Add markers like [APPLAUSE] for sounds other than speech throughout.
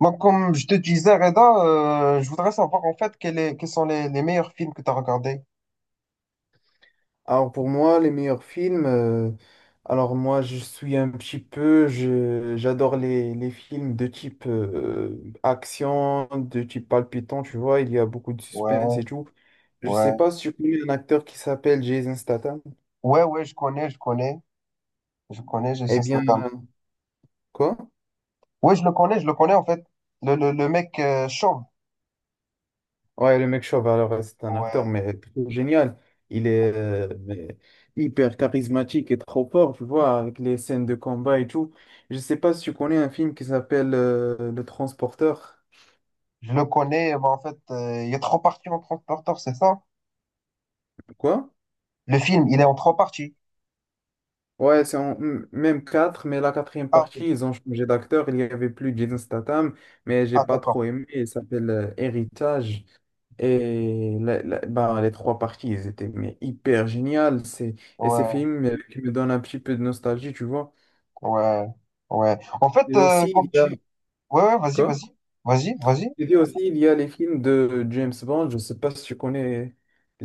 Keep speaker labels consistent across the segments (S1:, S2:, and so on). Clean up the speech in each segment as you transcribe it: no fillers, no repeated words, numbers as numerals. S1: Moi, comme je te disais, Reda, je voudrais savoir en fait quels sont les meilleurs films que tu as regardés.
S2: Alors pour moi, les meilleurs films, alors moi je suis un petit peu, j'adore les films de type action, de type palpitant, tu vois, il y a beaucoup de suspense
S1: Ouais,
S2: et tout. Je sais
S1: ouais.
S2: pas si tu connais un acteur qui s'appelle Jason Statham.
S1: Ouais, ouais, je connais. Je connais
S2: Eh
S1: Jason
S2: bien,
S1: Statham.
S2: quoi?
S1: Ouais, je le connais en fait. Le mec chauve.
S2: Ouais, le mec chauve, alors c'est un acteur,
S1: Ouais,
S2: mais trop génial. Il est mais hyper charismatique et trop fort, tu vois, avec les scènes de combat et tout. Je sais pas si tu connais un film qui s'appelle Le Transporteur.
S1: je le connais. Bah, en fait, il y a trois parties en Transporteur, c'est ça?
S2: Quoi?
S1: Le film, il est en trois parties.
S2: Ouais, c'est en même quatre, mais la quatrième
S1: Ah, ok.
S2: partie, ils ont changé d'acteur. Il n'y avait plus Jason Statham, mais j'ai
S1: Ah,
S2: pas
S1: d'accord.
S2: trop aimé. Il s'appelle Héritage. Et bah, les trois parties, ils étaient mais hyper géniales. C'est, et ces
S1: Ouais,
S2: films qui me donnent un petit peu de nostalgie, tu vois.
S1: ouais, ouais. En fait,
S2: Et aussi,
S1: quand
S2: il y a...
S1: tu... Ouais, ouais,
S2: Quoi?
S1: vas-y. Vas-y.
S2: Je dis aussi, il y a les films de James Bond. Je sais pas si tu connais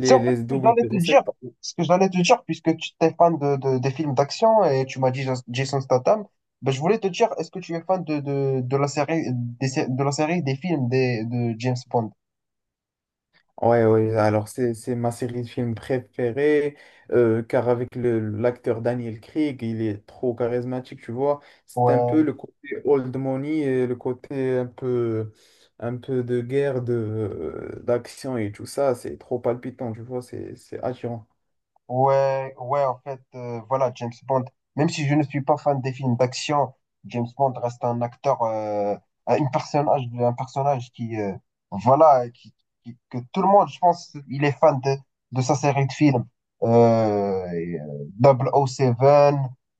S1: C'est en fait
S2: les
S1: ce que j'allais te dire,
S2: 007.
S1: ce que j'allais te dire, puisque tu es fan des films d'action et tu m'as dit Jason Statham, ben je voulais te dire, est-ce que tu es fan de la série, de la série des films de James Bond?
S2: Ouais, ouais, alors c'est ma série de films préférée, car avec le l'acteur Daniel Craig, il est trop charismatique, tu vois. C'est un peu
S1: Ouais.
S2: le côté old money et le côté un peu de guerre, d'action et tout ça, c'est trop palpitant, tu vois, c'est attirant.
S1: Ouais, ouais, en fait, voilà, James Bond, même si je ne suis pas fan des films d'action, James Bond reste un acteur, un une personnage, un personnage qui, voilà, que tout le monde, je pense, il est fan de sa série de films. Euh, et, euh, 007,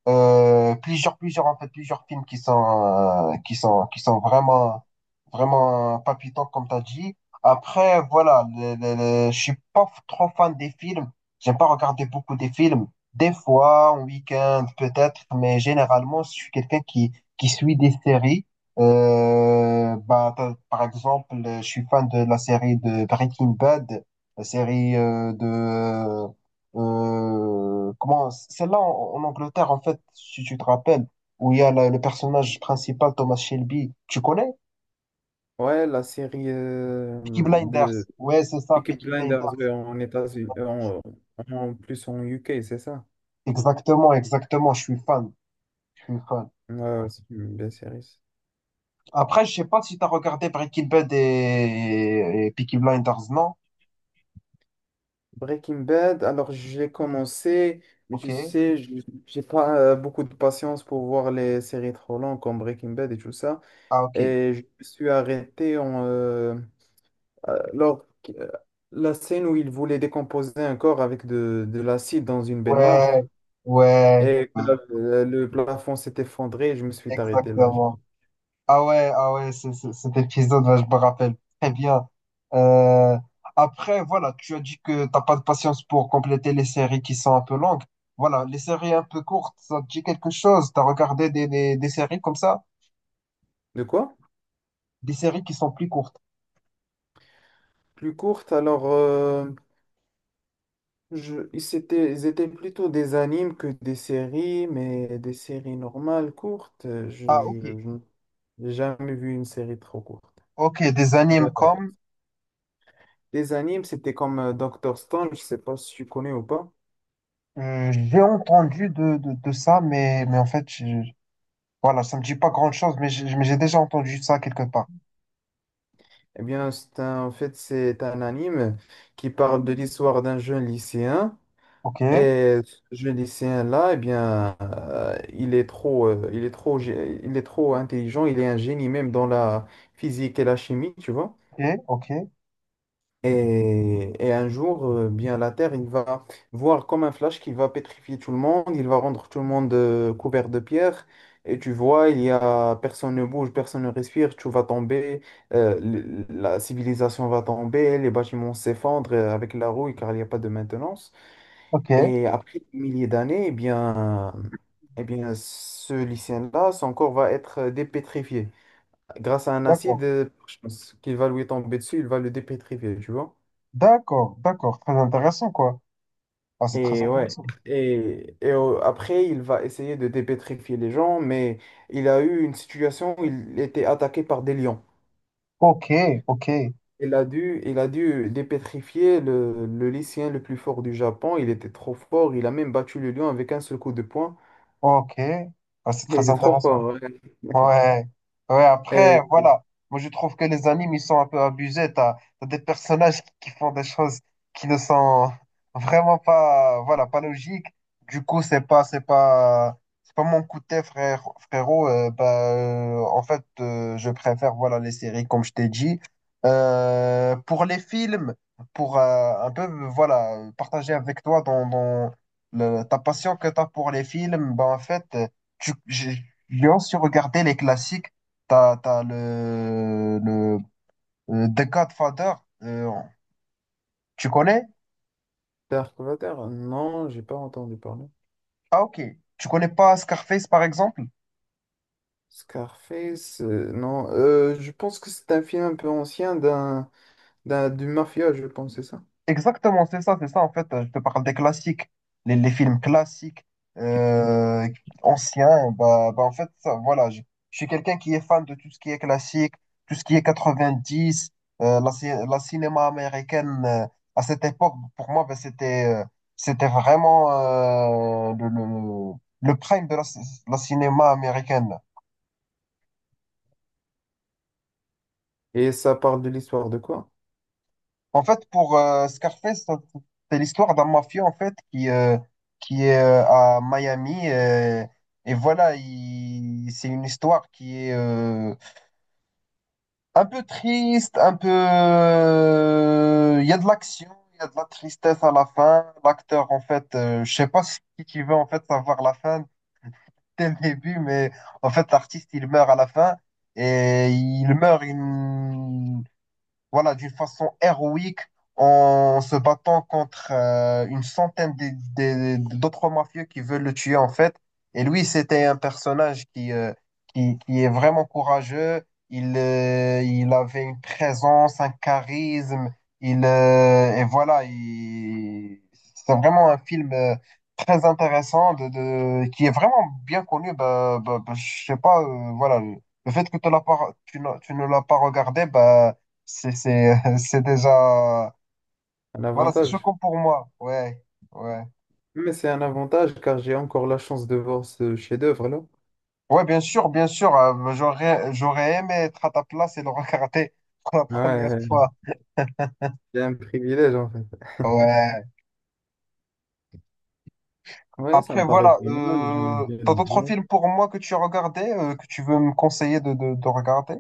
S1: en fait, plusieurs films qui sont, qui sont vraiment palpitants, comme tu as dit. Après, voilà, je suis pas trop fan des films. J'aime pas regarder beaucoup de films. Des fois, en week-end, peut-être, mais généralement, je suis qui suit des séries. Par exemple, je suis fan de la série de Breaking Bad, la série de... comment... Celle-là, en Angleterre, en fait, si tu te rappelles, où il y a le personnage principal, Thomas Shelby. Tu connais?
S2: Ouais, la série
S1: Peaky Blinders.
S2: de
S1: Ouais, c'est ça,
S2: Peaky
S1: Peaky
S2: Blinders
S1: Blinders.
S2: en États-Unis, en, en plus en UK, c'est ça?
S1: Exactement, exactement, je suis fan. Je suis fan.
S2: Ouais, ouais, c'est une belle série.
S1: Après, je sais pas si tu as regardé et Peaky Blinders, non?
S2: Breaking Bad, alors j'ai commencé, mais tu
S1: Ok.
S2: sais, j'ai pas beaucoup de patience pour voir les séries trop longues comme Breaking Bad et tout ça.
S1: Ah, ok.
S2: Et je me suis arrêté en, lors la scène où il voulait décomposer un corps avec de l'acide dans une
S1: Ouais,
S2: baignoire
S1: ouais,
S2: et que
S1: ouais,
S2: le plafond s'est effondré et je me suis arrêté là. J'ai-
S1: exactement. Ah ouais, ah ouais, cet épisode, ouais, je me rappelle très bien. Euh, Après, voilà, tu as dit que t'as pas de patience pour compléter les séries qui sont un peu longues. Voilà, les séries un peu courtes, ça te dit quelque chose? T'as regardé des séries comme ça?
S2: De quoi?
S1: Des séries qui sont plus courtes.
S2: Plus courte, alors je, ils étaient plutôt des animes que des séries, mais des séries normales, courtes. Je,
S1: Ah,
S2: je,
S1: ok.
S2: je n'ai jamais vu une série trop courte.
S1: Ok, des
S2: Ah bah,
S1: animes
S2: non.
S1: comme...
S2: Des animes, c'était comme Dr. Stone, je sais pas si tu connais ou pas.
S1: J'ai entendu de ça, mais, voilà, ça me dit pas grand-chose, mais j'ai déjà entendu ça quelque part.
S2: Eh bien, en fait, c'est un anime qui parle de l'histoire d'un jeune lycéen.
S1: Ok,
S2: Et ce lycéen-là, eh bien, il est trop, gé- il est trop intelligent, il est un génie même dans la physique et la chimie, tu vois.
S1: ok, ok,
S2: Et un jour, bien, la Terre, il va voir comme un flash qu'il va pétrifier tout le monde, il va rendre tout le monde couvert de pierre. Et tu vois, il y a personne ne bouge, personne ne respire, tout va tomber, la civilisation va tomber, les bâtiments s'effondrent avec la rouille car il n'y a pas de maintenance.
S1: ok,
S2: Et après des milliers d'années, eh bien, ce lycéen-là, son corps va être dépétrifié. Grâce à un
S1: d'accord,
S2: acide, je pense qu'il va lui tomber dessus, il va le dépétrifier, tu vois.
S1: d'accord, d'accord, très intéressant, quoi. Ah, c'est très
S2: Et ouais,
S1: intéressant.
S2: après, il va essayer de dépétrifier les gens, mais il a eu une situation où il était attaqué par des lions.
S1: Ok, ok,
S2: Il a dû dépétrifier le lycéen le plus fort du Japon. Il était trop fort. Il a même battu le lion avec un seul coup de poing.
S1: ok, ah, c'est
S2: [LAUGHS] Il
S1: très
S2: était trop
S1: intéressant.
S2: fort.
S1: Ouais, ouais, après,
S2: Ouais.
S1: voilà. Moi, je trouve que les animes, ils sont un peu abusés. T'as des personnages qui font des choses qui ne sont vraiment pas, voilà, pas logiques. Du coup, c'est pas mon coup de thé, frère, frérot. Je préfère, voilà, les séries, comme je t'ai dit. Pour les films, pour un peu, voilà, partager avec toi dans ta passion que t'as pour les films, bah, en fait, Lyon, si vous regardez les classiques, t'as le The Godfather, euh, tu connais?
S2: Dark Vader? Non, j'ai pas entendu parler.
S1: Ah ok. Tu connais pas Scarface par exemple?
S2: Scarface? Non, je pense que c'est un film un peu ancien du mafia, je pense, c'est ça.
S1: Exactement, c'est ça, c'est ça. En fait, je te parle des classiques, les films classiques, euh, anciens. En fait, ça, voilà, je suis quelqu'un qui est fan de tout ce qui est classique, tout ce qui est 90, la cinéma américaine. À cette époque, pour moi, c'était vraiment le prime la cinéma américaine.
S2: Et ça parle de l'histoire de quoi?
S1: En fait, pour Scarface, c'est l'histoire d'un mafieux en fait qui est à Miami, et voilà, c'est une histoire qui est un peu triste, un peu il y a de l'action, il y a de la tristesse à la fin. L'acteur en fait, je sais pas si tu veux en fait savoir la fin dès le début, mais en fait l'artiste il meurt à la fin et il meurt une voilà, d'une façon héroïque en se battant contre une centaine d'autres mafieux qui veulent le tuer en fait. Et lui, c'était un personnage qui est vraiment courageux. Il avait une présence, un charisme. Il, et voilà, il... C'est vraiment un film très intéressant qui est vraiment bien connu. Je sais pas, voilà, le fait que tu l'as pas, tu ne l'as pas regardé, bah, [LAUGHS] c'est déjà.
S2: Un
S1: Voilà, c'est
S2: avantage.
S1: choquant pour moi. Ouais, ouais.
S2: Mais c'est un avantage car j'ai encore la chance de voir ce chef-d'œuvre-là.
S1: Ouais, bien sûr, bien sûr. J'aurais aimé être à ta place et le regarder [LAUGHS] pour la première
S2: Ouais,
S1: fois.
S2: c'est un privilège en fait.
S1: Ouais.
S2: Ouais, ça me
S1: Après,
S2: paraît pas
S1: voilà.
S2: mal, j'aime bien le
S1: T'as d'autres
S2: bon.
S1: films pour moi que tu as regardé, que tu veux me conseiller de regarder?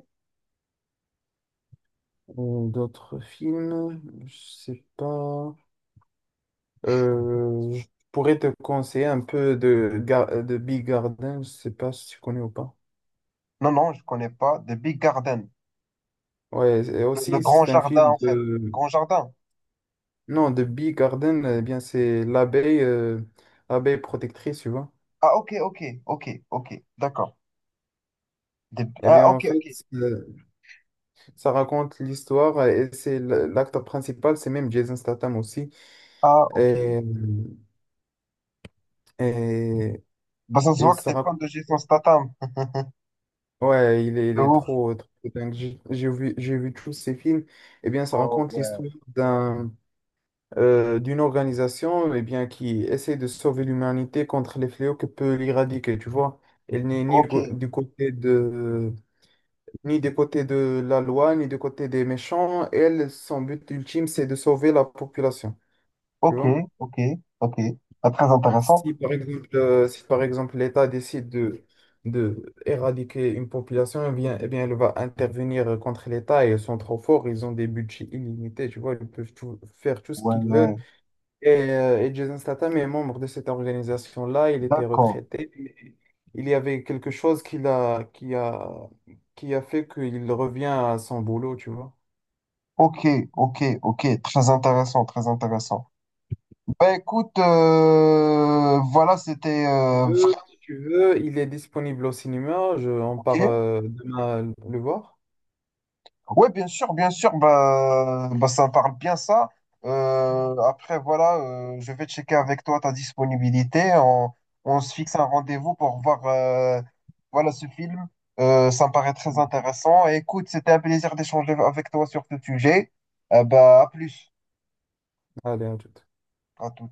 S2: D'autres films, je sais pas. Je pourrais te conseiller un peu de, de Big Garden, je sais pas si tu connais ou pas.
S1: Non, non, je connais pas. The Big Garden.
S2: Ouais, et
S1: Le
S2: aussi
S1: grand
S2: c'est un
S1: jardin,
S2: film
S1: en fait.
S2: de...
S1: Grand jardin.
S2: Non, de Big Garden, eh bien c'est l'abeille abeille protectrice, tu vois.
S1: Ah, ok, ok, ok, ok. D'accord. The-
S2: Eh
S1: ah,
S2: bien
S1: ok,
S2: en
S1: ok.
S2: fait, ça raconte l'histoire et l'acteur principal, c'est même Jason Statham aussi.
S1: Ah, ok.
S2: Et, et,
S1: Bah, ça se
S2: et
S1: voit que
S2: ça
S1: t'es fan
S2: raconte...
S1: de Jason Statham.
S2: Ouais,
S1: [LAUGHS]
S2: il
S1: De
S2: est
S1: ouf.
S2: trop, trop dingue. J'ai vu tous ces films. Eh bien, ça
S1: Oh,
S2: raconte
S1: ouais.
S2: l'histoire d'un... d'une organisation, eh bien, qui essaie de sauver l'humanité contre les fléaux que peut l'éradiquer, tu vois. Elle n'est ni
S1: Ok,
S2: go- du côté de, ni du côté de la loi, ni du côté des méchants. Elle, son but ultime, c'est de sauver la population, tu
S1: ok,
S2: vois.
S1: ok, ok. Pas très intéressant.
S2: Si par exemple l'État décide de éradiquer une population, eh bien, elle va intervenir contre l'État et ils sont trop forts, ils ont des budgets illimités, tu vois, ils peuvent faire tout ce
S1: Ouais,
S2: qu'ils veulent.
S1: ouais.
S2: Et Jason Statham est membre de cette organisation-là. Il était
S1: D'accord.
S2: retraité, mais il y avait quelque chose qui a fait qu'il revient à son boulot, tu vois.
S1: Ok, ok, ok. Très intéressant, très intéressant. Bah écoute, voilà, c'était
S2: Tu veux,
S1: vraiment...
S2: si tu veux, il est disponible au cinéma. Je, on part demain le voir.
S1: Oui, bien sûr, bah, bah, ça me parle bien ça. Après, voilà, je vais checker avec toi ta disponibilité. On se fixe un rendez-vous pour voir voilà, ce film. Ça me paraît très intéressant. Et écoute, c'était un plaisir d'échanger avec toi sur ce sujet. Bah, à plus.
S2: Allez, à tout.
S1: À tout.